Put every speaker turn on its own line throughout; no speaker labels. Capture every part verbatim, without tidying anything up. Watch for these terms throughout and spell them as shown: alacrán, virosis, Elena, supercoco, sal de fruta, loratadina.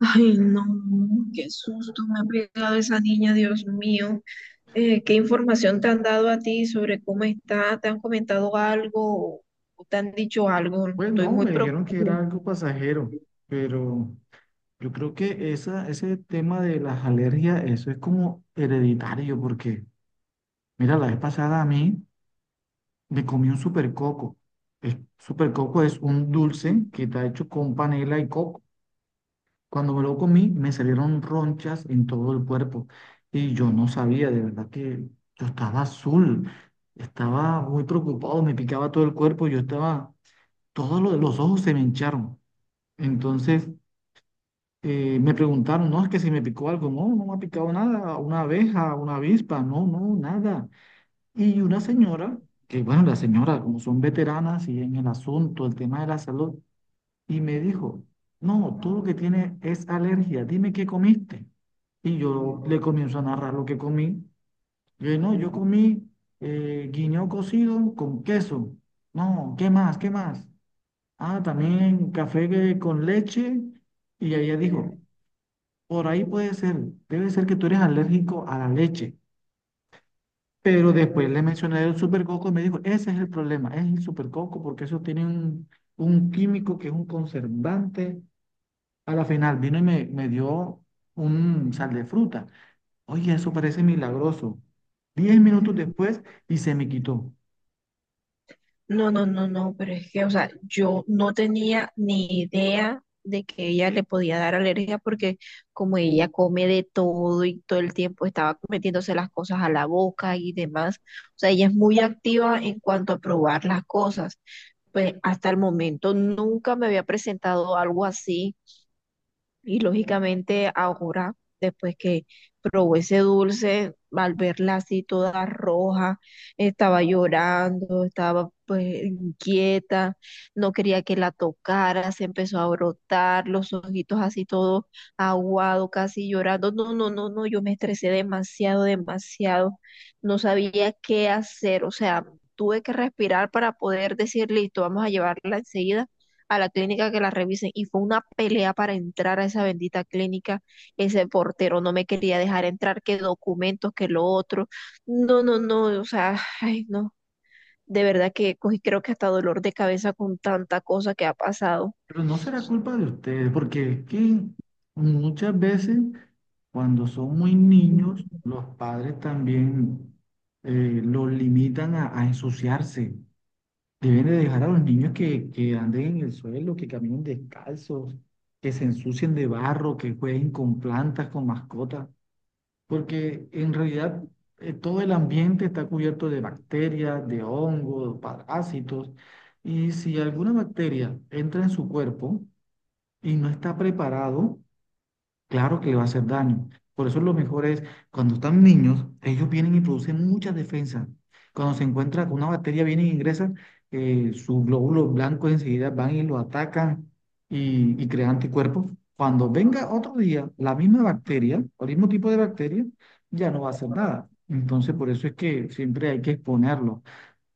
Ay, no, qué susto me ha pegado esa niña, Dios mío. Eh, ¿qué información te han dado a ti sobre cómo está? ¿Te han comentado algo o te han dicho algo?
Pues
Estoy
no,
muy
me dijeron que era algo pasajero, pero yo creo que esa, ese tema de las alergias, eso es como hereditario, porque mira, la vez pasada a mí me comí un supercoco. El supercoco es un dulce que está hecho con panela y coco. Cuando me lo comí, me salieron ronchas en todo el cuerpo y yo no sabía, de verdad que yo estaba azul, estaba muy preocupado, me picaba todo el cuerpo, yo estaba, todos lo- los ojos se me hincharon. Entonces, eh, me preguntaron, no, es que si me picó algo, no, no me ha picado nada, una abeja, una avispa, no, no, nada. Y una señora, que bueno, la señora, como son veteranas y en el asunto, el tema de la salud, y me dijo, no, tú lo que tienes es alergia, dime qué comiste. Y yo le comienzo a narrar lo que comí. Yo, no, yo comí eh, guineo cocido con queso. No, ¿qué más? ¿Qué más? Ah, también café que- con leche. Y ella dijo, por ahí puede ser, debe ser que tú eres alérgico a la leche. Pero después le mencioné el supercoco y me dijo, ese es el problema, es el supercoco, porque eso tiene un, un químico que es un conservante. A la final vino y me, me dio un sal de fruta. Oye, eso parece milagroso. Diez minutos
preocupada.
después, y se me quitó.
No, no, no, no, pero es que, o sea, yo no tenía ni idea de que ella le podía dar alergia porque como ella come de todo y todo el tiempo estaba metiéndose las cosas a la boca y demás, o sea, ella es muy activa en cuanto a probar las cosas. Pues hasta el momento nunca me había presentado algo así. Y lógicamente ahora, después que probó ese dulce, al verla así toda roja, estaba llorando, estaba pues inquieta, no quería que la tocara, se empezó a brotar, los ojitos así todo aguado, casi llorando. No, no, no, no, yo me estresé demasiado, demasiado. No sabía qué hacer, o sea, tuve que respirar para poder decir, listo, vamos a llevarla enseguida a la clínica que la revisen y fue una pelea para entrar a esa bendita clínica. Ese portero no me quería dejar entrar, que documentos, que lo otro. No, no, no, o sea, ay, no. De verdad que cogí, creo que hasta dolor de cabeza con tanta cosa que ha pasado.
Pero no será culpa de ustedes, porque es que muchas veces cuando son muy niños, los padres también eh, los limitan a, a ensuciarse. Deben de dejar a los niños que, que anden en el suelo, que caminen descalzos, que se ensucien de barro, que jueguen con plantas, con mascotas, porque en realidad eh, todo el ambiente está cubierto de bacterias, de hongos, parásitos, y si alguna bacteria entra en su cuerpo, y no está preparado, claro que le va a hacer daño. Por eso lo mejor es, cuando están niños, ellos vienen y producen muchas defensas. Cuando se encuentra con una bacteria, vienen e ingresan, eh, sus glóbulos blancos enseguida van y lo atacan y, y crean anticuerpos. Cuando venga otro día la misma bacteria, o el mismo tipo de bacteria, ya no va a hacer nada. Entonces, por eso es que siempre hay que exponerlo.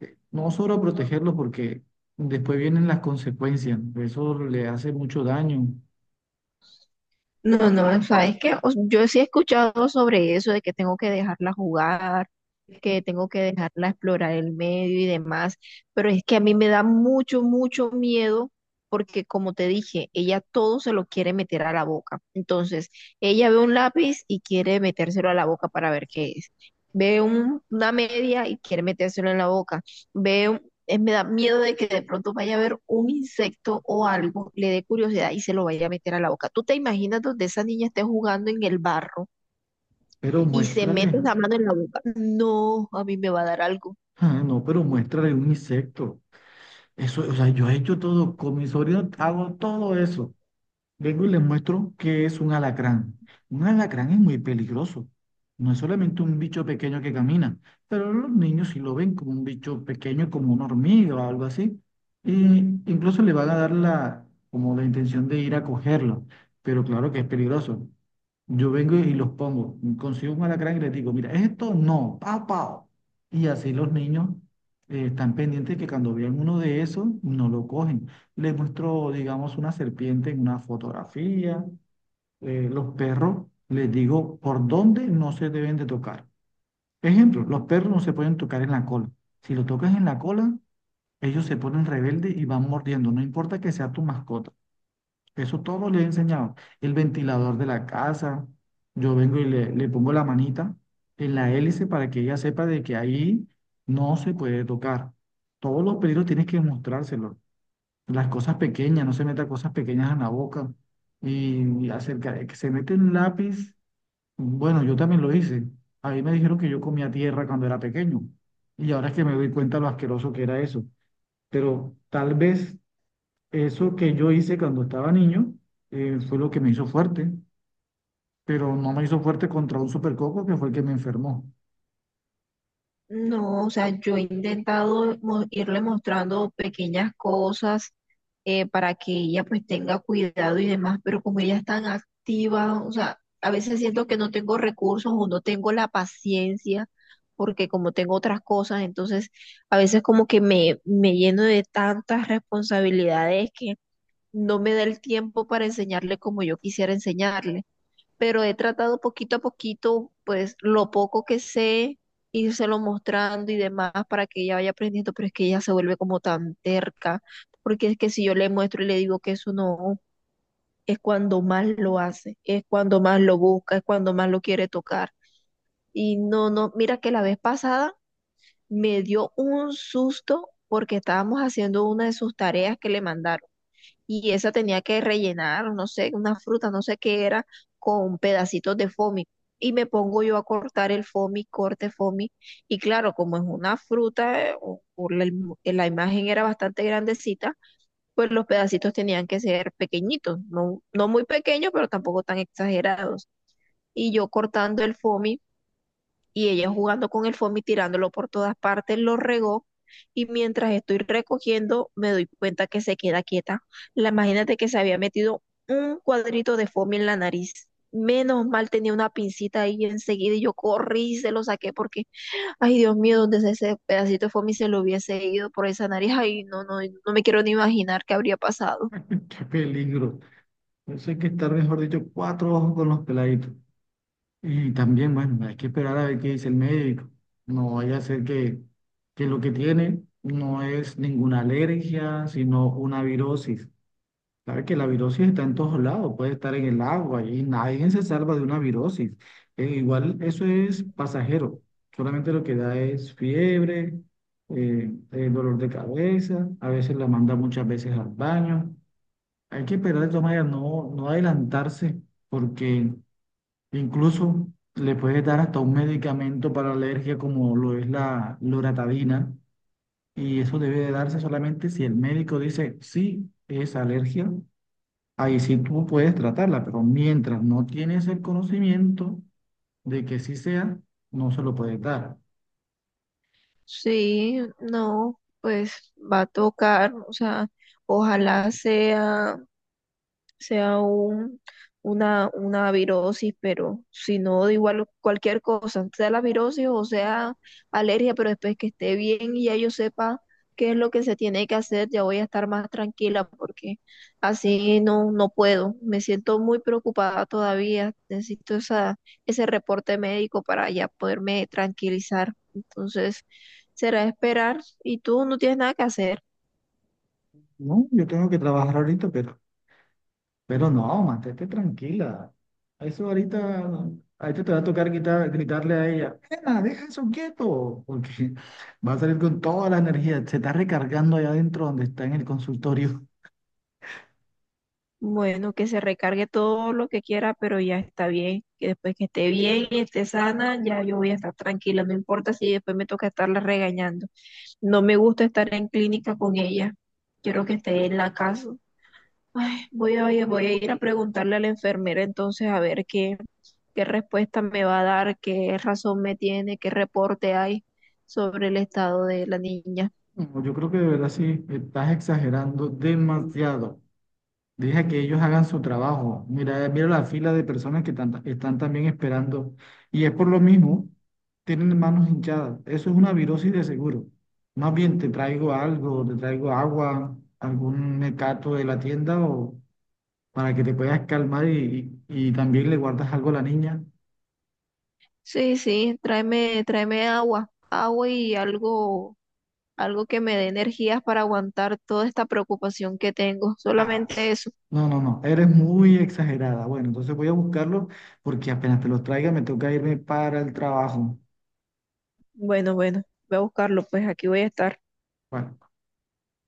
Eh, No solo protegerlo porque después vienen las consecuencias. Eso le hace mucho daño.
No, no, sabes que yo sí he escuchado sobre eso de que tengo que dejarla jugar, que tengo que dejarla explorar el medio y demás, pero es que a mí me da mucho, mucho miedo porque como te dije, ella todo se lo quiere meter a la boca. Entonces, ella ve un lápiz y quiere metérselo a la boca para ver qué es. Ve un- una media y quiere metérselo en la boca. Ve un- eh, Me da miedo de que de pronto vaya a ver un insecto o algo, le dé curiosidad y se lo vaya a meter a la boca. ¿Tú te imaginas donde esa niña esté jugando en el barro
Pero
y se
muéstrale,
mete la mano en la boca? No, a mí me va a dar algo.
ah, no, pero muéstrale un insecto. Eso, o sea, yo he hecho todo, con mi sobrino hago todo eso. Vengo y les muestro que es un alacrán. Un alacrán es muy peligroso. No es solamente un bicho pequeño que camina, pero los niños sí lo ven como un bicho pequeño, como una hormiga o algo así. Y incluso le van a dar la, como la intención de ir a cogerlo. Pero claro que es peligroso. Yo vengo y los pongo, consigo un alacrán y les digo, mira, esto no, pao, pao. Y así los niños eh, están pendientes que cuando vean uno de esos, no lo cogen. Les muestro, digamos, una serpiente en una fotografía. Eh, los perros, les digo, por dónde no se deben de tocar. Ejemplo, los perros no se pueden tocar en la cola. Si lo tocas en la cola, ellos se ponen rebeldes y van mordiendo, no importa que sea tu mascota. Eso todo le he enseñado. El ventilador de la casa, yo vengo y le, le pongo la manita en la hélice para que ella sepa de que ahí no se puede tocar. Todos los peligros tienes que mostrárselo. Las cosas pequeñas, no se meta cosas pequeñas en la boca. Y, y acerca de que se mete un lápiz, bueno, yo también lo hice. A mí me dijeron que yo comía tierra cuando era pequeño. Y ahora es que me doy cuenta lo asqueroso que era eso. Pero tal vez eso que yo hice cuando estaba niño eh, fue lo que me hizo fuerte, pero no me hizo fuerte contra un supercoco que fue el que me enfermó.
No, o sea, yo he intentado mo- irle mostrando pequeñas cosas eh, para que ella pues tenga cuidado y demás, pero como ella es tan activa, o sea, a veces siento que no tengo recursos o no tengo la paciencia, porque como tengo otras cosas, entonces a veces como que me, me lleno de tantas responsabilidades que no me da el tiempo para enseñarle como yo quisiera enseñarle. Pero he tratado poquito a poquito, pues lo poco que sé, írselo mostrando y demás para que ella vaya aprendiendo, pero es que ella se vuelve como tan terca, porque es que si yo le muestro y le digo que eso no, es cuando más lo hace, es cuando más lo busca, es cuando más lo quiere tocar. Y no, no, mira que la vez pasada me dio un susto porque estábamos haciendo una de sus tareas que le mandaron y esa tenía que rellenar, no sé, una fruta, no sé qué era, con pedacitos de foamy. Y me pongo yo a cortar el foamy, corte foamy. Y claro, como es una fruta, eh, o- o la, im- la imagen era bastante grandecita, pues los pedacitos tenían que ser pequeñitos, no, no muy pequeños, pero tampoco tan exagerados. Y yo cortando el foamy y ella jugando con el foamy, tirándolo por todas partes, lo regó. Y mientras estoy recogiendo, me doy cuenta que se queda quieta. La imagínate que se había metido un cuadrito de foamy en la nariz. Menos mal tenía una pincita ahí enseguida y yo corrí y se lo saqué porque, ay Dios mío, donde ese ese pedacito de foamy se lo hubiese ido por esa nariz, ay, no, no, no me quiero ni imaginar qué habría pasado.
¡Qué peligro! Eso hay que estar, mejor dicho, cuatro ojos con los peladitos. Y también, bueno, hay que esperar a ver qué dice el médico. No vaya a ser que, que lo que tiene no es ninguna alergia, sino una virosis. Sabe que la virosis está en todos lados, puede estar en el agua y nadie se salva de una virosis. Eh, igual eso es pasajero, solamente lo que da es fiebre, eh, eh, dolor de cabeza, a veces la manda muchas veces al baño. Hay que esperar de todas maneras, no, no adelantarse, porque incluso le puede dar hasta un medicamento para alergia como lo es la loratadina, y eso debe de darse solamente si el médico dice, sí, es alergia. Ahí sí tú puedes tratarla, pero mientras no tienes el conocimiento de que sí sea, no se lo puedes dar.
Sí, no, pues va a tocar, o sea, ojalá sea sea un, una, una virosis, pero si no, da igual cualquier cosa, sea la virosis o sea alergia, pero después que esté bien y ya yo sepa qué es lo que se tiene que hacer, ya voy a estar más tranquila porque así no, no puedo. Me siento muy preocupada todavía, necesito esa, ese reporte médico para ya poderme tranquilizar. Entonces, será esperar y tú no tienes nada que hacer.
No, yo tengo que trabajar ahorita, pero, pero no, mantente tranquila. Eso ahorita, ahorita te va a tocar quitar- gritarle a ella, Elena, deja eso quieto, porque va a salir con toda la energía, se está recargando allá adentro donde está en el consultorio.
Bueno, que se recargue todo lo que quiera, pero ya está bien. Que después que esté bien y esté sana, ya yo voy a estar tranquila. No importa si después me toca estarla regañando. No me gusta estar en clínica con ella. Quiero que esté en la casa. Ay, voy a, voy a voy a ir a preguntarle a la enfermera entonces a ver qué, qué respuesta me va a dar, qué razón me tiene, qué reporte hay sobre el estado de la niña.
No, yo creo que de verdad sí, estás exagerando demasiado. Deja que ellos hagan su trabajo. Mira, mira la fila de personas que tan- están también esperando. Y es por lo mismo, tienen manos hinchadas. Eso es una virosis de seguro. Más bien te traigo algo, te traigo agua, algún mecato de la tienda o para que te puedas calmar y, y, y también le guardas algo a la niña.
Sí, sí, tráeme, tráeme agua, agua y algo algo que me dé energías para aguantar toda esta preocupación que tengo,
Ay,
solamente eso.
no, no, no, eres muy exagerada. Bueno, entonces voy a buscarlo porque apenas te los traiga me toca irme para el trabajo.
Bueno, bueno, voy a buscarlo, pues aquí voy a estar.
Bueno,